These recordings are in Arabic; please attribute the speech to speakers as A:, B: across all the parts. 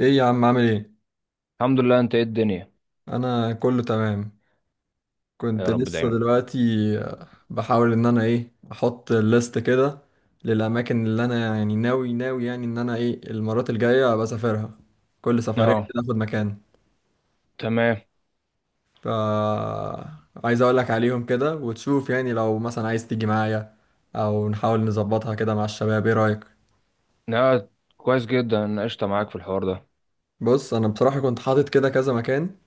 A: ايه يا عم، عامل ايه؟
B: الحمد لله. انت ايه الدنيا؟
A: انا كله تمام. كنت
B: يا رب
A: لسه
B: دايما.
A: دلوقتي بحاول ان انا احط الليست كده للاماكن اللي انا يعني ناوي يعني ان انا المرات الجايه بسافرها، كل سفريه
B: اه،
A: كده اخد مكان.
B: تمام.
A: ف عايز اقول لك عليهم كده وتشوف، يعني لو مثلا عايز تيجي معايا او نحاول نظبطها كده مع الشباب، ايه رايك؟
B: لا، كويس جدا. انا قشطه معاك في الحوار ده.
A: بص، انا بصراحه كنت حاطط كده كذا مكان.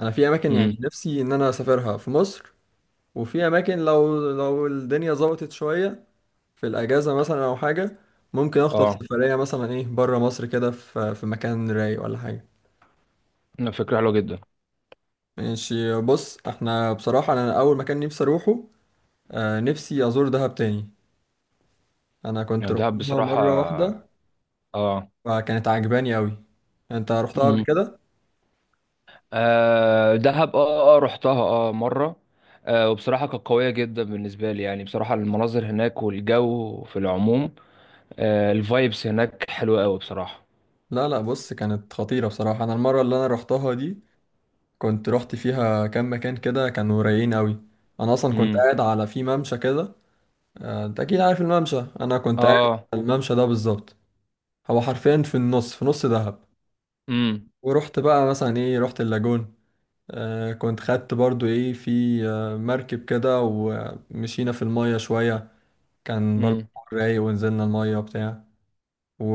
A: انا في اماكن
B: امم.
A: يعني نفسي ان انا اسافرها في مصر، وفي اماكن لو الدنيا ظبطت شويه في الاجازه مثلا او حاجه، ممكن اخطف
B: اه.
A: سفريه مثلا بره مصر كده في مكان رايق ولا حاجه.
B: لا، فكره حلوه جدا.
A: ماشي. بص احنا بصراحه، انا اول مكان نفسي اروحه، نفسي ازور دهب تاني. انا كنت
B: يعني دهب
A: رحتها
B: بصراحه.
A: مره واحده
B: اه.
A: فكانت عجباني قوي. انت رحتها قبل
B: امم.
A: كده؟
B: آه، دهب، رحتها مره. آه، وبصراحه كانت قويه جدا بالنسبه لي. يعني بصراحه المناظر هناك والجو في العموم. آه، الفايبس هناك حلوه قوي بصراحه.
A: لا لا، بص كانت خطيره بصراحه. انا المره اللي انا رحتها دي كنت رحت فيها كام مكان كده كانوا رايقين قوي. انا اصلا كنت
B: امم.
A: قاعد على في ممشى كده. انت اكيد عارف الممشى انا كنت قاعد
B: اه.
A: على الممشى ده بالظبط. هو حرفيا في نص دهب.
B: امم،
A: ورحت بقى مثلا رحت اللاجون. كنت خدت برضو ايه في آه مركب كده، ومشينا في المية شوية. كان برضو
B: امم.
A: رايق، ونزلنا المية وبتاع.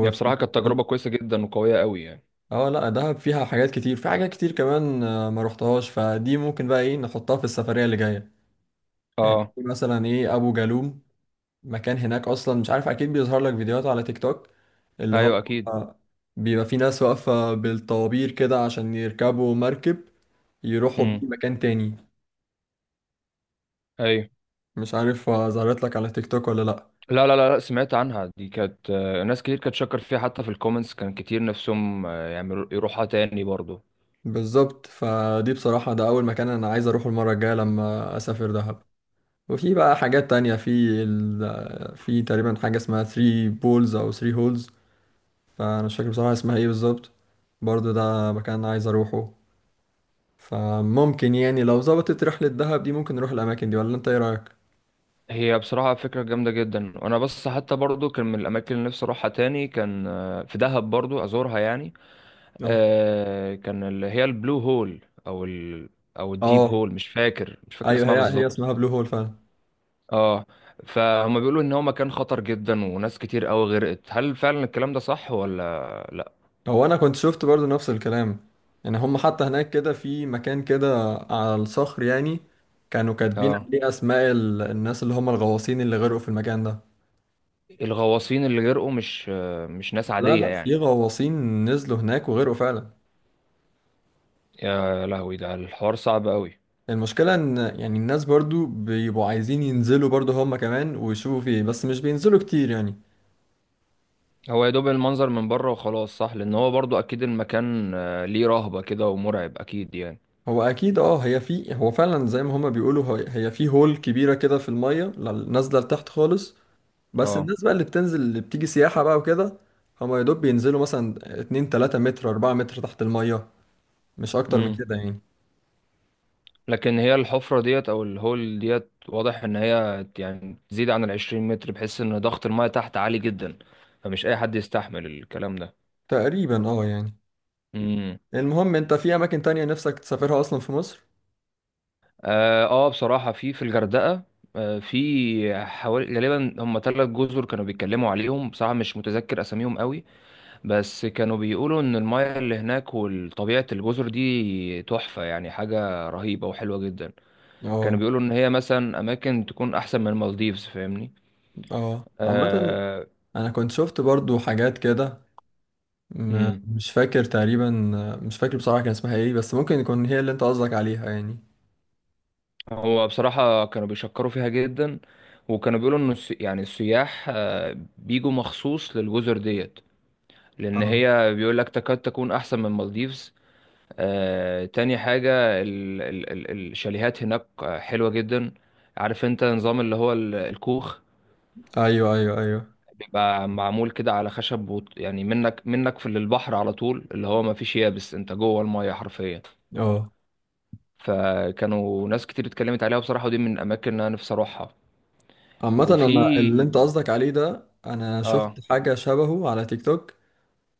B: يعني بصراحه كانت تجربه كويسه جدا وقويه قوي يعني.
A: اه لا دهب فيها حاجات كتير. في حاجات كتير كمان ما رحتهاش، فدي ممكن بقى نحطها في السفرية اللي جاية. يعني
B: اه.
A: في مثلا ابو جالوم، مكان هناك اصلا مش عارف، اكيد بيظهر لك فيديوهات على تيك توك، اللي
B: ايوه،
A: هو
B: اكيد.
A: بيبقى في ناس واقفة بالطوابير كده عشان يركبوا مركب يروحوا بيه مكان تاني.
B: ايوه.
A: مش عارف ظهرت لك على تيك توك ولا لأ.
B: لا، لا، لا، لا، سمعت عنها. دي كانت، ناس كتير كانت شكر فيها حتى في الكومنتس، كان كتير نفسهم، يعملوا يروحها تاني برضو.
A: بالظبط، فدي بصراحة ده أول مكان أنا عايز أروحه المرة الجاية لما أسافر دهب. وفي بقى حاجات تانية في. في تقريبا حاجة اسمها 3 بولز أو 3 هولز، فأنا مش فاكر بصراحة اسمها إيه بالظبط. برضه ده مكان عايز أروحه. فممكن يعني لو ظبطت رحلة دهب دي ممكن نروح الأماكن دي، ولا أنت إيه رأيك؟
B: هي بصراحة فكرة جامدة جدا، وانا بس حتى برضو كان من الاماكن اللي نفسي اروحها تاني، كان في دهب برضو ازورها يعني.
A: أه.
B: كان اللي هي البلو هول، او ال او الديب
A: أه.
B: هول. مش فاكر
A: أيوه،
B: اسمها
A: هي
B: بالظبط.
A: اسمها بلو هول فعلا.
B: اه. فهم بيقولوا ان هو مكان خطر جدا وناس كتير قوي غرقت. هل فعلا الكلام ده صح ولا لا؟
A: هو أنا كنت شفت برضو نفس الكلام. يعني هم حتى هناك كده في مكان كده على الصخر يعني كانوا كاتبين
B: اه.
A: عليه أسماء الناس اللي هم الغواصين اللي غرقوا في المكان ده.
B: الغواصين اللي جرقوا مش ناس
A: لا
B: عادية
A: لا، في
B: يعني.
A: غواصين نزلوا هناك وغرقوا فعلا.
B: يا لهوي، ده الحوار صعب قوي.
A: المشكلة إن يعني الناس برضو بيبقوا عايزين ينزلوا برضو هم كمان ويشوفوا فيه، بس مش بينزلوا كتير يعني.
B: هو يا دوب المنظر من بره وخلاص. صح، لان هو برضو اكيد المكان ليه رهبة كده ومرعب اكيد يعني.
A: هو اكيد اه، هي في، هو فعلا زي ما هما بيقولوا، هي في هول كبيره كده في الميه، نازله لتحت خالص. بس
B: اه.
A: الناس بقى اللي بتنزل، اللي بتيجي سياحه بقى وكده، هما يا دوب بينزلوا مثلا 2 3 متر 4 متر تحت الميه، مش اكتر من
B: امم.
A: كده يعني.
B: لكن هي الحفرة ديت او الهول ديت، واضح ان هي يعني تزيد عن 20 متر، بحيث ان ضغط الماء تحت عالي جدا. فمش اي حد يستحمل الكلام ده.
A: تقريبا اه يعني.
B: امم.
A: المهم، انت في اماكن تانية نفسك تسافرها اصلا في مصر؟
B: اه. آه، بصراحة في الغردقة، آه، في حوالي غالبا هم ثلاث جزر كانوا بيتكلموا عليهم. بصراحة مش متذكر أساميهم قوي، بس كانوا بيقولوا إن المياه اللي هناك وطبيعة الجزر دي تحفة، يعني حاجة رهيبة وحلوة جدا.
A: اه.
B: كانوا بيقولوا إن هي مثلا أماكن تكون أحسن من المالديفز، فاهمني؟
A: اه. عامه
B: آه.
A: انا كنت شفت برضو حاجات كده.
B: مم.
A: مش فاكر تقريبا، مش فاكر بصراحه كان اسمها ايه، بس ممكن يكون هي اللي انت قصدك عليها يعني.
B: هو بصراحة كانوا بيشكروا فيها جدا، وكانوا بيقولوا إن يعني السياح، بيجوا مخصوص للجزر ديت، لان
A: اه.
B: هي بيقول لك تكاد تكون احسن من مالديفز. آه، تاني حاجة الشاليهات هناك حلوة جدا. عارف انت نظام اللي هو الكوخ؟
A: ايوه ايوه ايوه.
B: بيبقى معمول كده على خشب، يعني منك في للبحر على طول، اللي هو ما فيش يابس، انت جوه المية حرفيا.
A: اه،
B: فكانوا ناس كتير اتكلمت عليها بصراحة، ودي من الاماكن اللي انا نفسي اروحها.
A: عامة، انا
B: وفي.
A: اللي انت قصدك عليه ده، انا شفت
B: اه.
A: حاجة شبهه على تيك توك،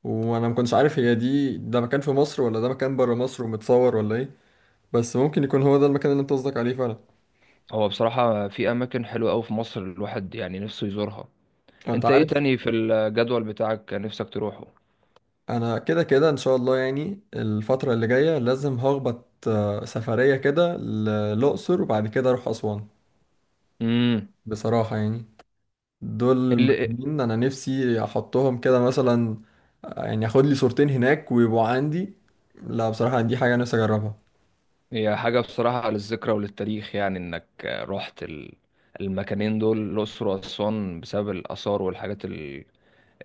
A: وانا ما كنتش عارف هي دي ده مكان في مصر ولا ده مكان بره مصر ومتصور ولا ايه، بس ممكن يكون هو ده المكان اللي انت قصدك عليه فعلا.
B: هو بصراحة في اماكن حلوة قوي في مصر، الواحد يعني نفسه يزورها.
A: انت
B: انت ايه
A: عارف،
B: تاني في الجدول بتاعك نفسك تروحه؟
A: انا كده كده ان شاء الله يعني الفترة اللي جاية لازم هخبط سفرية كده للأقصر، وبعد كده اروح أسوان.
B: امم.
A: بصراحة يعني دول
B: اللي
A: مكانين انا نفسي احطهم كده مثلا، يعني اخد لي صورتين هناك ويبقوا عندي. لا بصراحة دي حاجة نفسي اجربها.
B: هي حاجه بصراحه للذكرى وللتاريخ، يعني انك رحت المكانين دول، الاقصر واسوان، بسبب الاثار والحاجات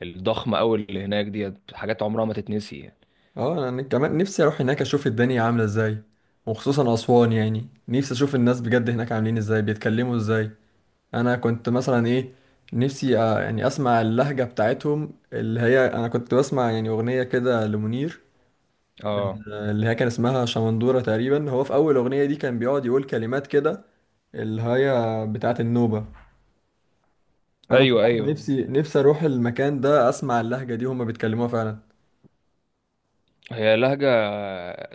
B: الضخمه قوي اللي هناك ديت. حاجات عمرها ما تتنسي يعني.
A: اه، انا كمان نفسي اروح هناك اشوف الدنيا عاملة ازاي، وخصوصا اسوان يعني نفسي اشوف الناس بجد هناك عاملين ازاي، بيتكلموا ازاي. انا كنت مثلا نفسي يعني اسمع اللهجة بتاعتهم. اللي هي انا كنت بسمع يعني اغنية كده لمنير،
B: اه.
A: اللي هي كان اسمها شمندورة تقريبا، هو في اول اغنية دي كان بيقعد يقول كلمات كده اللي هي بتاعت النوبة. انا
B: ايوه،
A: بصراحة
B: ايوه.
A: نفسي اروح المكان ده اسمع اللهجة دي هما بيتكلموها فعلا.
B: هي لهجه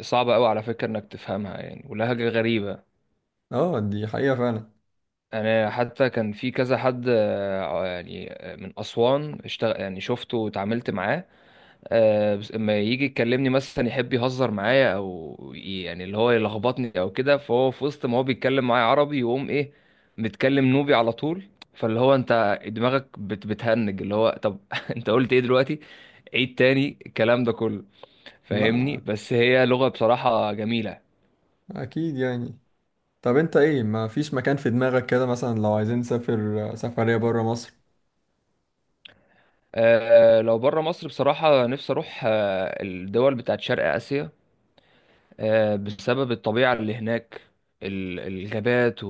B: صعبه قوي على فكره انك تفهمها يعني، ولهجه غريبه.
A: اه، دي حقيقة فعلا.
B: انا حتى كان في كذا حد، يعني من اسوان، اشتغل يعني شفته واتعاملت معاه. آه، بس اما يجي يكلمني مثلا، يحب يهزر معايا او يعني اللي هو يلخبطني او كده، فهو في وسط ما هو بيتكلم معايا عربي، يقوم ايه متكلم نوبي على طول. فاللي هو انت دماغك بتهنج، اللي هو طب انت قلت ايه دلوقتي؟ عيد تاني الكلام ده كله.
A: لا
B: فاهمني؟
A: لا،
B: بس هي لغة بصراحة جميلة.
A: اكيد يعني. طب انت ايه، ما فيش مكان في دماغك كده مثلا لو عايزين نسافر سفرية برا مصر؟
B: آه، لو بره مصر بصراحة نفسي اروح الدول بتاعت شرق اسيا، آه، بسبب الطبيعة اللي هناك. الغابات،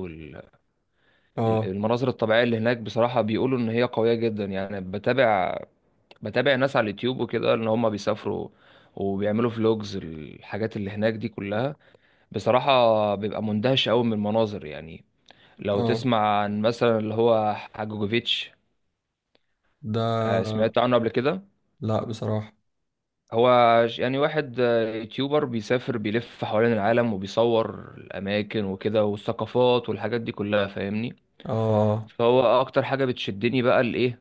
A: اه.
B: المناظر الطبيعية اللي هناك، بصراحة بيقولوا إن هي قوية جدا يعني. بتابع ناس على اليوتيوب وكده، إن هما بيسافروا وبيعملوا فلوجز الحاجات اللي هناك دي كلها. بصراحة بيبقى مندهش أوي من المناظر يعني. لو
A: اه.
B: تسمع عن مثلا اللي هو حاجوجوفيتش. آه،
A: ده
B: سمعت عنه قبل كده؟
A: لا بصراحة.
B: هو يعني واحد، يوتيوبر بيسافر بيلف حوالين العالم، وبيصور الأماكن وكده، والثقافات والحاجات دي كلها، فاهمني؟
A: اه.
B: فهو أكتر حاجة بتشدني بقى الإيه،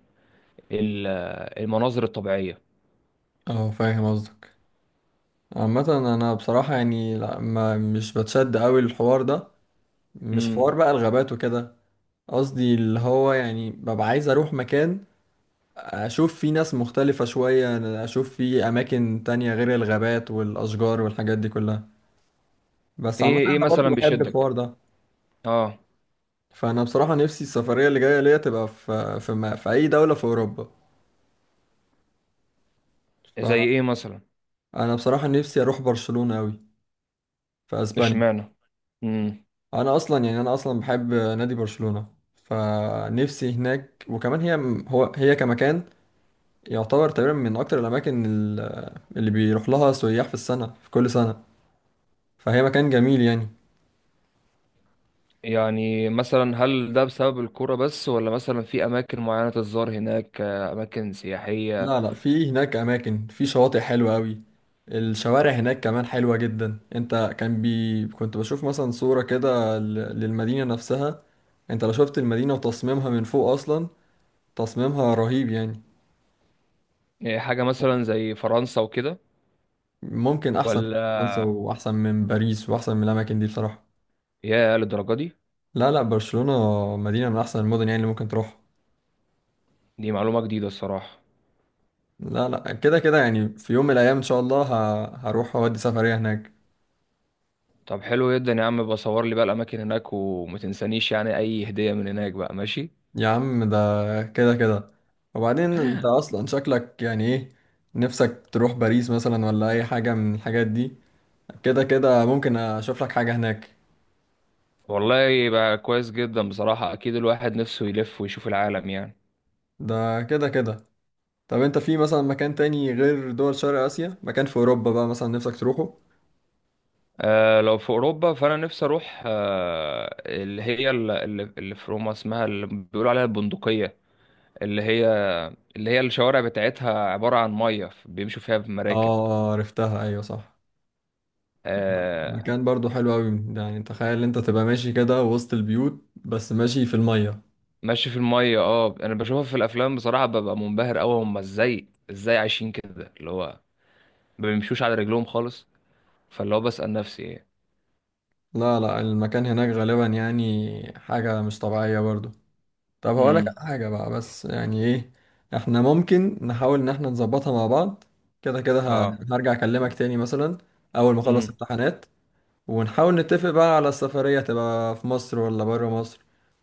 B: ال- المناظر الطبيعية.
A: اه، فاهم قصدك. عامة، انا بصراحة يعني لا، ما مش بتشد قوي الحوار ده، مش
B: امم.
A: حوار بقى الغابات وكده. قصدي اللي هو يعني ببقى عايز اروح مكان اشوف في ناس مختلفة شوية، أنا اشوف في اماكن تانية غير الغابات والاشجار والحاجات دي كلها. بس عامة
B: ايه
A: انا برضو
B: مثلا
A: بحب
B: بيشدك؟
A: الحوار ده.
B: اه.
A: فانا بصراحة نفسي السفرية اللي جاية ليا تبقى في ما في اي دولة في اوروبا.
B: زي ايه مثلا؟
A: فانا بصراحة نفسي اروح برشلونة اوي، في اسبانيا.
B: اشمعنى؟ امم.
A: انا اصلا يعني انا اصلا بحب نادي برشلونة، فنفسي هناك. وكمان هي، هو هي كمكان يعتبر تقريبا من اكتر الاماكن اللي بيروح لها سياح في السنة، في كل سنة. فهي مكان جميل يعني.
B: يعني مثلا هل ده بسبب الكرة بس، ولا مثلا في اماكن معينة تتزار هناك، اماكن سياحية؟
A: لا لا، في هناك اماكن، في شواطئ حلوه قوي. الشوارع هناك كمان حلوه جدا. انت كان كنت بشوف مثلا صوره كده للمدينه نفسها. انت لو شفت المدينه وتصميمها من فوق اصلا، تصميمها رهيب يعني.
B: إيه حاجة مثلا زي فرنسا وكده؟
A: ممكن احسن من
B: ولا
A: فرنسا واحسن من باريس واحسن من الاماكن دي بصراحه.
B: يا للدرجة دي؟
A: لا لا، برشلونه مدينه من احسن المدن يعني اللي ممكن تروح.
B: دي معلومة جديدة الصراحة.
A: لا لا، كده كده يعني في يوم من الايام ان شاء الله هروح اودي سفريه هناك.
B: طب حلو جدا يا عم، بصور لي بقى الاماكن هناك، وما تنسانيش يعني اي هدية من هناك بقى، ماشي.
A: يا عم ده كده كده. وبعدين انت اصلا شكلك يعني ايه، نفسك تروح باريس مثلا ولا اي حاجة من الحاجات دي. كده كده ممكن اشوف لك حاجة هناك.
B: والله يبقى كويس جدا بصراحة، اكيد الواحد نفسه يلف ويشوف العالم يعني.
A: ده كده كده. طب انت في مثلا مكان تاني غير دول شرق اسيا، مكان في اوروبا بقى مثلا نفسك تروحه؟
B: آه، لو في أوروبا فأنا نفسي أروح اللي هي اللي في روما، اسمها اللي بيقولوا عليها البندقية. اللي هي اللي هي الشوارع بتاعتها عبارة عن مية بيمشوا فيها بمراكب.
A: اه عرفتها، ايوه صح.
B: آه.
A: مكان برضو حلو قوي ده. يعني تخيل انت تبقى ماشي كده وسط البيوت بس ماشي في المية.
B: ماشي في المية. اه أنا بشوفها في الأفلام، بصراحة ببقى منبهر أوي، هما ازاي عايشين كده، اللي هو ما بيمشوش على رجلهم خالص. فاللي هو بسأل نفسي ايه.
A: لا لا، المكان هناك غالبا يعني حاجة مش طبيعية برضو. طب هقول لك
B: امم.
A: على حاجة بقى بس، يعني ايه، احنا ممكن نحاول ان احنا نظبطها مع بعض. كده كده
B: اه.
A: هرجع اكلمك تاني مثلا اول ما اخلص
B: امم.
A: امتحانات، ونحاول نتفق بقى على السفرية تبقى في مصر ولا بره مصر،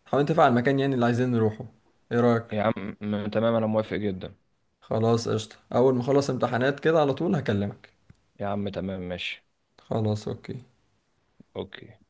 A: نحاول نتفق على المكان يعني اللي عايزين نروحه. ايه رأيك؟
B: يا عم تمام، أنا موافق جدا.
A: خلاص، قشطة، اول ما اخلص امتحانات كده على طول هكلمك.
B: يا عم تمام، ماشي.
A: خلاص اوكي.
B: أوكي.